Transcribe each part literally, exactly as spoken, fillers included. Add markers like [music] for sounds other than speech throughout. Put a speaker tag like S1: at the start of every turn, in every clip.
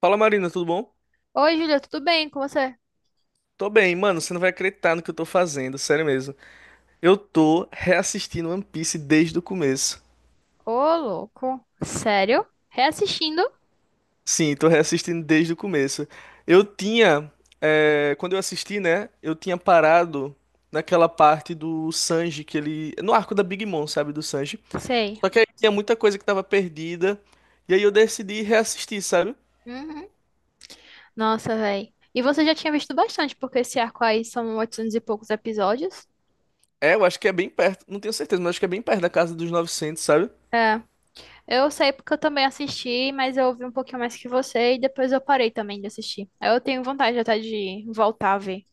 S1: Fala Marina, tudo bom?
S2: Oi, Júlia, tudo bem com você?
S1: Tô bem, mano, você não vai acreditar no que eu tô fazendo, sério mesmo. Eu tô reassistindo One Piece desde o começo.
S2: Ô, louco. Sério? Reassistindo?
S1: Sim, tô reassistindo desde o começo. Eu tinha, é, quando eu assisti, né, eu tinha parado naquela parte do Sanji que ele, no arco da Big Mom, sabe, do Sanji.
S2: Sei.
S1: Só que aí tinha muita coisa que tava perdida, e aí eu decidi reassistir, sabe?
S2: Uhum. Nossa, véi. E você já tinha visto bastante, porque esse arco aí são oitocentos e poucos episódios.
S1: É, eu acho que é bem perto, não tenho certeza, mas acho que é bem perto da casa dos novecentos, sabe?
S2: É, eu sei porque eu também assisti, mas eu ouvi um pouquinho mais que você e depois eu parei também de assistir. Eu tenho vontade até de voltar a ver.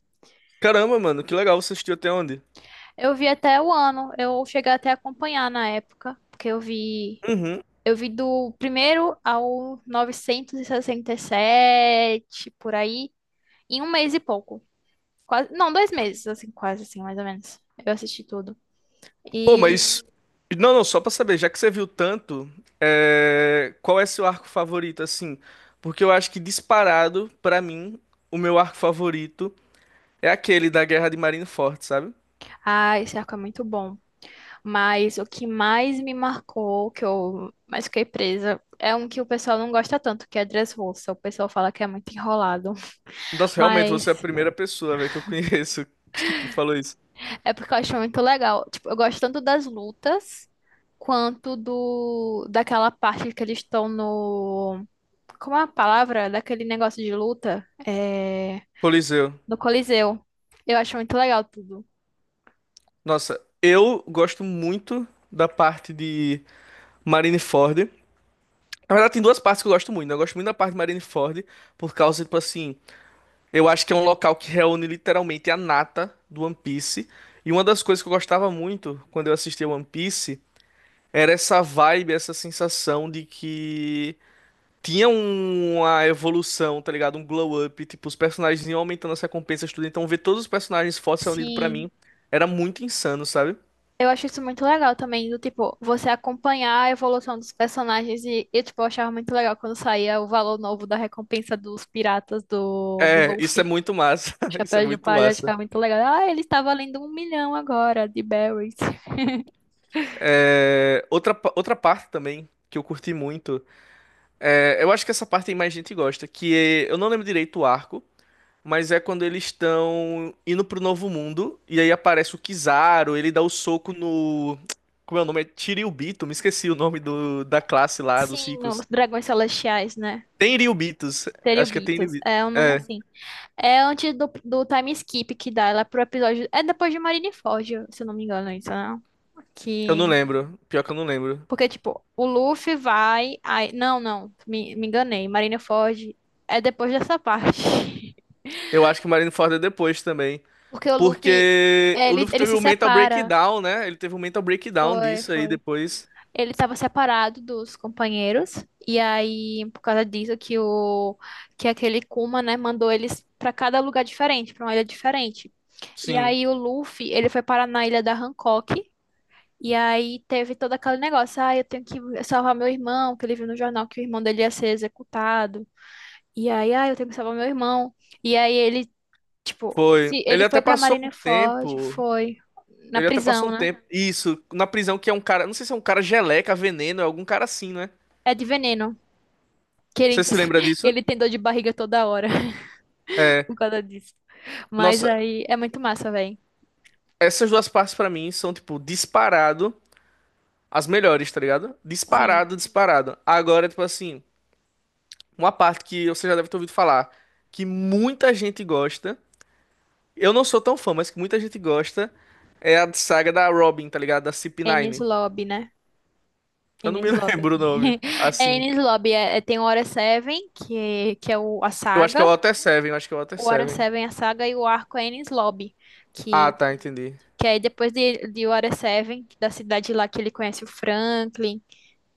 S1: Caramba, mano, que legal, você assistiu até onde?
S2: Eu vi até o ano, eu cheguei até a acompanhar na época, porque eu vi,
S1: Uhum.
S2: eu vi do primeiro ao novecentos e e sessenta e sete, por aí, em um mês e pouco. Quase, não, dois meses, assim, quase assim, mais ou menos. Eu assisti tudo.
S1: Pô,
S2: E,
S1: mas. Não, não, só pra saber, já que você viu tanto, é, qual é seu arco favorito, assim? Porque eu acho que disparado, pra mim, o meu arco favorito é aquele da Guerra de Marineford, sabe?
S2: ah, esse arco é muito bom. Mas o que mais me marcou, que eu mais fiquei presa, é um que o pessoal não gosta tanto, que é Dressrosa. O pessoal fala que é muito enrolado.
S1: Nossa, realmente, você é a
S2: Mas
S1: primeira pessoa, velho, que eu conheço [laughs] que que falou isso.
S2: é porque eu acho muito legal. Tipo, eu gosto tanto das lutas, quanto do, daquela parte que eles estão no... Como é a palavra? Daquele negócio de luta? É...
S1: Coliseu.
S2: no Coliseu. Eu acho muito legal tudo.
S1: Nossa, eu gosto muito da parte de Marineford. Na verdade, tem duas partes que eu gosto muito, né? Eu gosto muito da parte de Marineford, por causa, tipo assim. Eu acho que é um local que reúne literalmente a nata do One Piece. E uma das coisas que eu gostava muito quando eu assistia One Piece era essa vibe, essa sensação de que tinha um- uma evolução, tá ligado? Um glow up, tipo, os personagens iam aumentando as recompensas, tudo. Então ver todos os personagens fortes reunidos pra
S2: Sim.
S1: mim era muito insano, sabe?
S2: Eu acho isso muito legal também, do tipo, você acompanhar a evolução dos personagens e, e, tipo, eu achava muito legal quando saía o valor novo da recompensa dos piratas do, do
S1: É, isso é
S2: Dolphin.
S1: muito massa. [laughs] Isso é
S2: Chapéu de
S1: muito
S2: palha, eu
S1: massa.
S2: achava muito legal. Ah, ele está valendo um milhão agora de berries. [laughs]
S1: É, outra, pa- outra parte também que eu curti muito. É, eu acho que essa parte aí mais gente gosta, que é- eu não lembro direito o arco, mas é quando eles estão indo pro Novo Mundo, e aí aparece o Kizaru, ele dá o soco no. Como é o nome? É Tiriubito, me esqueci o nome do, da classe lá, dos
S2: Sim, os
S1: ricos.
S2: dragões celestiais, né?
S1: Tenryubitos, acho que é
S2: Teribitos.
S1: Tenryubitos.
S2: É um nome
S1: É,
S2: assim. É antes do, do time skip que dá ela pro episódio. É depois de Marineford, se eu não me engano, isso, né?
S1: eu não
S2: Que
S1: lembro. Pior que eu não lembro.
S2: Porque, tipo, o Luffy vai. Aí não, não, me, me enganei. Marineford é depois dessa parte. [laughs]
S1: Eu acho que o Marineford é depois também.
S2: Porque o Luffy,
S1: Porque
S2: é,
S1: o
S2: ele,
S1: Luffy
S2: ele
S1: teve
S2: se
S1: um mental
S2: separa.
S1: breakdown, né? Ele teve um mental breakdown
S2: Foi,
S1: disso aí
S2: foi.
S1: depois.
S2: Ele estava separado dos companheiros. E aí, por causa disso, que o que aquele Kuma, né, mandou eles para cada lugar diferente, para uma ilha diferente. E
S1: Sim,
S2: aí o Luffy, ele foi parar na ilha da Hancock, e aí teve todo aquele negócio: ah, eu tenho que salvar meu irmão, que ele viu no jornal que o irmão dele ia ser executado. E aí, ah, eu tenho que salvar meu irmão. E aí ele, tipo,
S1: foi.
S2: se ele
S1: Ele
S2: foi
S1: até
S2: pra
S1: passou um
S2: Marineford,
S1: tempo.
S2: foi na
S1: Ele até passou
S2: prisão,
S1: um
S2: né?
S1: tempo. Isso, na prisão que é um cara. Não sei se é um cara geleca, veneno, é algum cara assim, né?
S2: É de veneno, que
S1: Você
S2: ele,
S1: se lembra
S2: [laughs]
S1: disso?
S2: ele tem dor de barriga toda hora [laughs] por causa disso. Mas
S1: Nossa,
S2: aí é muito massa, velho.
S1: essas duas partes pra mim são, tipo, disparado. As melhores, tá ligado?
S2: Sim,
S1: Disparado, disparado. Agora, tipo assim, uma parte que você já deve ter ouvido falar, que muita gente gosta. Eu não sou tão fã, mas que muita gente gosta. É a saga da Robin, tá ligado? Da
S2: Enies
S1: C P nove.
S2: Lobby, né?
S1: Eu não me
S2: Enies
S1: [laughs]
S2: Lobby.
S1: lembro o nome.
S2: [laughs] É
S1: Assim.
S2: Enies Lobby, é, é- tem o Water Seven, que, que é o, a
S1: Eu acho que é o
S2: saga.
S1: Water Seven, eu acho que é o Water
S2: O Water
S1: Seven.
S2: Seven, a saga, e o arco é Enies Lobby,
S1: Ah,
S2: que,
S1: tá, entendi.
S2: que aí depois de, de Water Seven, da cidade lá que ele conhece o Franklin,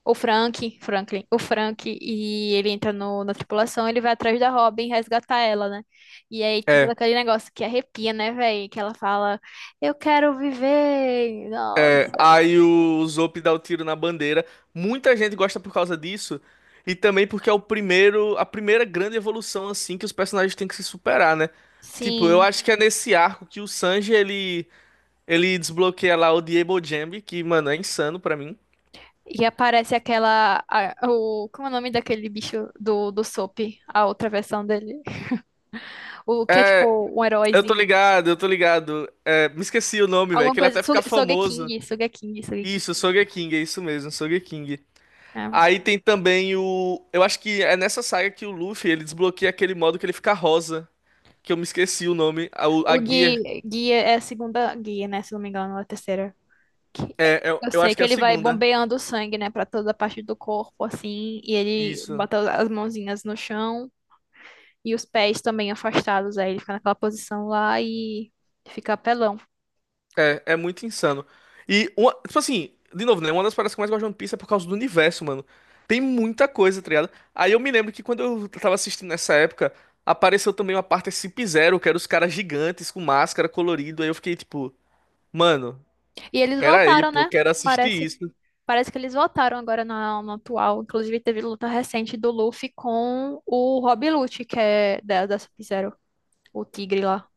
S2: o Frank, Franklin, o Frank, e ele entra no, na tripulação, ele vai atrás da Robin resgatar ela, né? E aí tem todo
S1: é
S2: aquele negócio que arrepia, né, velho? Que ela fala, eu quero viver,
S1: É,
S2: nossa,
S1: aí o Zop dá o tiro na bandeira. Muita gente gosta por causa disso. E também porque é o primeiro, a primeira grande evolução assim que os personagens têm que se superar, né? Tipo, eu
S2: sim.
S1: acho que é nesse arco que o Sanji ele ele desbloqueia lá o Diebo Jambi, que, mano, é insano pra mim.
S2: E aparece aquela, a- o, como é o nome daquele bicho do, do, Soap, a outra versão dele? [laughs] O que é tipo um
S1: Eu tô
S2: heróizinho.
S1: ligado, eu tô ligado. É, me esqueci o nome, velho,
S2: Alguma
S1: que ele
S2: coisa.
S1: até fica
S2: Soge-
S1: famoso.
S2: Sogeking, Sogeking, Sogeking.
S1: Isso, Sogeking, é isso mesmo, Sogeking.
S2: É.
S1: Aí tem também o, eu acho que é nessa saga que o Luffy ele desbloqueia aquele modo que ele fica rosa, que eu me esqueci o nome. A, o- a
S2: O
S1: guia.
S2: Gui, Gui é a segunda guia, né? Se não me engano, ou a terceira. Que-
S1: É, eu,
S2: Eu
S1: eu
S2: sei
S1: acho que
S2: que
S1: é a
S2: ele vai
S1: segunda.
S2: bombeando o sangue, né? Pra toda a parte do corpo, assim. E ele
S1: Isso.
S2: bota as mãozinhas no chão e os pés também afastados. Aí ele fica naquela posição lá e fica apelão.
S1: É, é muito insano. E, uma, tipo assim, de novo, né? Uma das paradas que eu mais gosto de One Piece é por causa do universo, mano. Tem muita coisa, tá ligado? Aí eu me lembro que quando eu tava assistindo nessa época, apareceu também uma parte Sub-Zero, que era os caras gigantes com máscara colorido. Aí eu fiquei tipo, mano,
S2: E eles
S1: pera aí,
S2: voltaram,
S1: pô,
S2: né?
S1: quero assistir
S2: Parece,
S1: isso.
S2: parece que eles voltaram agora na, no atual. Inclusive, teve luta recente do Luffy com o Rob Lute, que é da, da Sub-Zero, o tigre lá.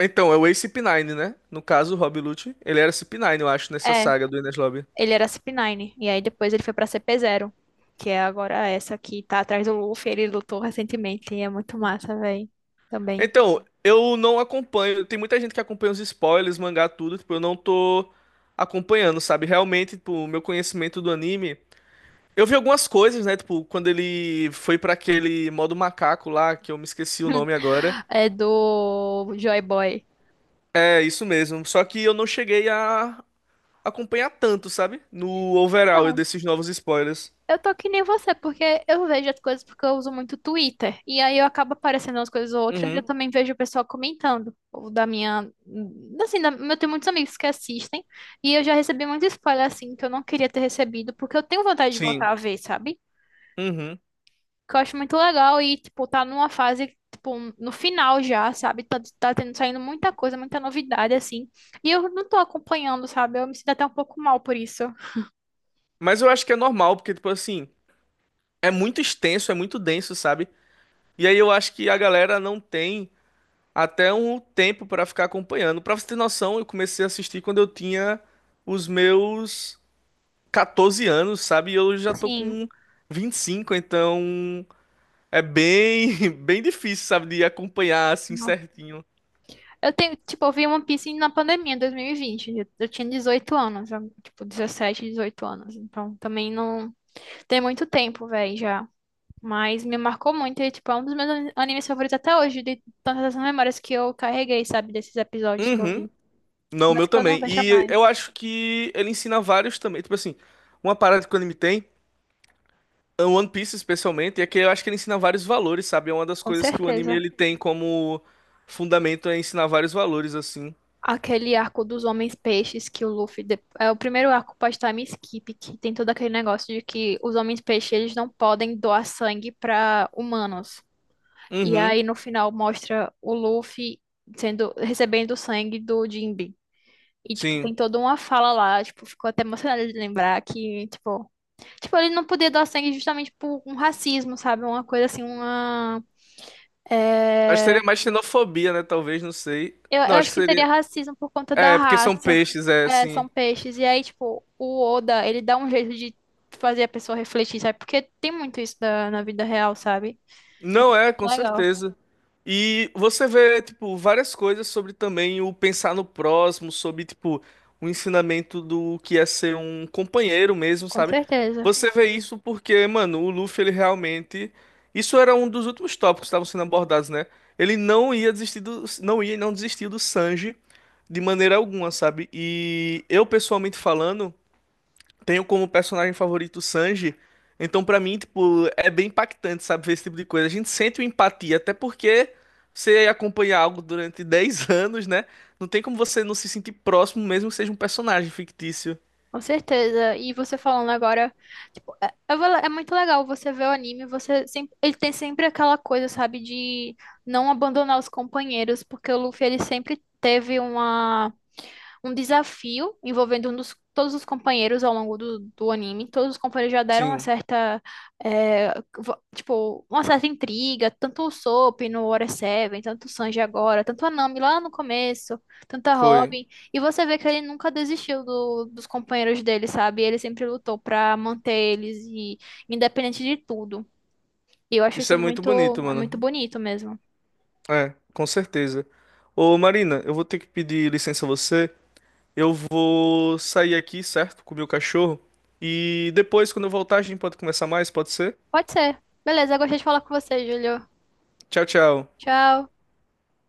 S1: Então, é o Ace nove, né? No caso, o Rob Lucci, ele era cip nove, eu acho, nessa
S2: É,
S1: saga do Enies Lobby.
S2: ele era C P nove, e aí depois ele foi pra C P zero, que é agora essa que tá atrás do Luffy, ele lutou recentemente, e é muito massa, velho, também.
S1: Então, eu não acompanho. Tem muita gente que acompanha os spoilers, mangá, tudo. Tipo, eu não tô acompanhando, sabe? Realmente, tipo, o meu conhecimento do anime. Eu vi algumas coisas, né? Tipo, quando ele foi pra aquele modo macaco lá, que eu me esqueci o nome
S2: [laughs]
S1: agora.
S2: É do Joy Boy.
S1: É, isso mesmo. Só que eu não cheguei a acompanhar tanto, sabe? No overall
S2: Então,
S1: desses novos spoilers.
S2: eu tô que nem você, porque eu vejo as coisas porque eu uso muito Twitter. E aí eu acabo aparecendo umas coisas ou outras e eu
S1: Uhum.
S2: também vejo o pessoal comentando. Ou da minha. Assim, da- eu tenho muitos amigos que assistem. E eu já recebi muito spoiler, assim, que eu não queria ter recebido, porque eu tenho vontade de
S1: Sim.
S2: voltar a ver, sabe?
S1: Uhum.
S2: Que eu acho muito legal e, tipo, tá numa fase, tipo, no final já, sabe? Tá, tá tendo, saindo muita coisa, muita novidade, assim. E eu não tô acompanhando, sabe? Eu me sinto até um pouco mal por isso. [laughs]
S1: Mas eu acho que é normal, porque, tipo assim, é muito extenso, é muito denso, sabe? E aí eu acho que a galera não tem, até um tempo pra ficar acompanhando. Pra você ter noção, eu comecei a assistir quando eu tinha os meus quatorze anos, sabe? E eu já tô
S2: Sim.
S1: com vinte e cinco, então é bem, [laughs] bem difícil, sabe, de acompanhar assim certinho.
S2: Eu tenho, tipo, eu vi One Piece na pandemia, em dois mil e vinte. Eu, eu tinha dezoito anos, eu- tipo, dezessete, dezoito anos. Então, também não tem muito tempo, velho, já. Mas me marcou muito e, tipo, é um dos meus ani- animes favoritos até hoje, de tantas memórias que eu carreguei, sabe, desses episódios que eu
S1: Uhum.
S2: vi.
S1: Não, o
S2: Mas
S1: meu
S2: que eu não
S1: também.
S2: vejo
S1: E
S2: mais,
S1: eu acho que ele ensina vários também. Tipo assim, uma parada que o anime tem, é o One Piece especialmente, é que eu acho que ele ensina vários valores, sabe? É uma das
S2: com
S1: coisas que o anime
S2: certeza.
S1: ele tem como fundamento é ensinar vários valores, assim.
S2: Aquele arco dos homens peixes que o Luffy. de- É o primeiro arco pós-time skip, que tem todo aquele negócio de que os homens peixes eles não podem doar sangue para humanos. E
S1: Uhum.
S2: aí no final mostra o Luffy sendo recebendo o sangue do Jinbe. E, tipo, tem
S1: Sim.
S2: toda uma fala lá, tipo, ficou até emocionada de lembrar que, tipo, tipo, ele não poder doar sangue justamente por um racismo, sabe? Uma coisa assim, uma.
S1: Acho que
S2: É...
S1: seria mais xenofobia, né? Talvez, não sei.
S2: Eu,
S1: Não,
S2: eu
S1: acho
S2: acho
S1: que
S2: que seria
S1: seria.
S2: racismo por conta da
S1: É, porque são
S2: raça.
S1: peixes, é
S2: É,
S1: assim.
S2: são peixes. E aí, tipo, o Oda, ele dá um jeito de fazer a pessoa refletir, sabe? Porque tem muito isso na, na vida real, sabe? Eu acho
S1: Não
S2: isso
S1: é, com
S2: legal.
S1: certeza. E você vê, tipo, várias coisas sobre também o pensar no próximo, sobre, tipo, o ensinamento do que é ser um companheiro mesmo,
S2: Com
S1: sabe?
S2: certeza.
S1: Você vê isso porque, mano, o Luffy, ele realmente. Isso era um dos últimos tópicos que estavam sendo abordados, né? Ele não ia desistir do. Não ia e não desistir do Sanji de maneira alguma, sabe? E eu, pessoalmente falando. Tenho como personagem favorito o Sanji. Então, pra mim, tipo, é bem impactante, sabe, ver esse tipo de coisa. A gente sente uma empatia, até porque você acompanha algo durante dez [laughs] anos, né? Não tem como você não se sentir próximo, mesmo que seja um personagem fictício.
S2: Com certeza. E você falando agora, tipo, é, é vala- é muito legal você ver o anime, você sempre, ele tem sempre aquela coisa, sabe, de não abandonar os companheiros, porque o Luffy ele sempre teve uma um desafio envolvendo um dos- todos os companheiros ao longo do, do, anime. Todos os companheiros já deram uma
S1: Sim,
S2: certa, é, vo- tipo, uma certa intriga, tanto o Soap no Water Seven, tanto o Sanji agora, tanto a Nami lá no começo, tanto a
S1: foi.
S2: Robin. E você vê que ele nunca desistiu do- dos companheiros dele, sabe? Ele sempre lutou pra manter eles e independente de tudo. E eu acho
S1: Isso
S2: isso
S1: é muito
S2: muito,
S1: bonito,
S2: é muito
S1: mano.
S2: bonito mesmo.
S1: É, com certeza. Ô, Marina, eu vou ter que pedir licença a você. Eu vou sair aqui, certo? Com o meu cachorro. E depois, quando eu voltar, a gente pode conversar mais, pode ser?
S2: Pode ser. Beleza, eu gostei de falar com você, Júlio.
S1: Tchau, tchau.
S2: Tchau.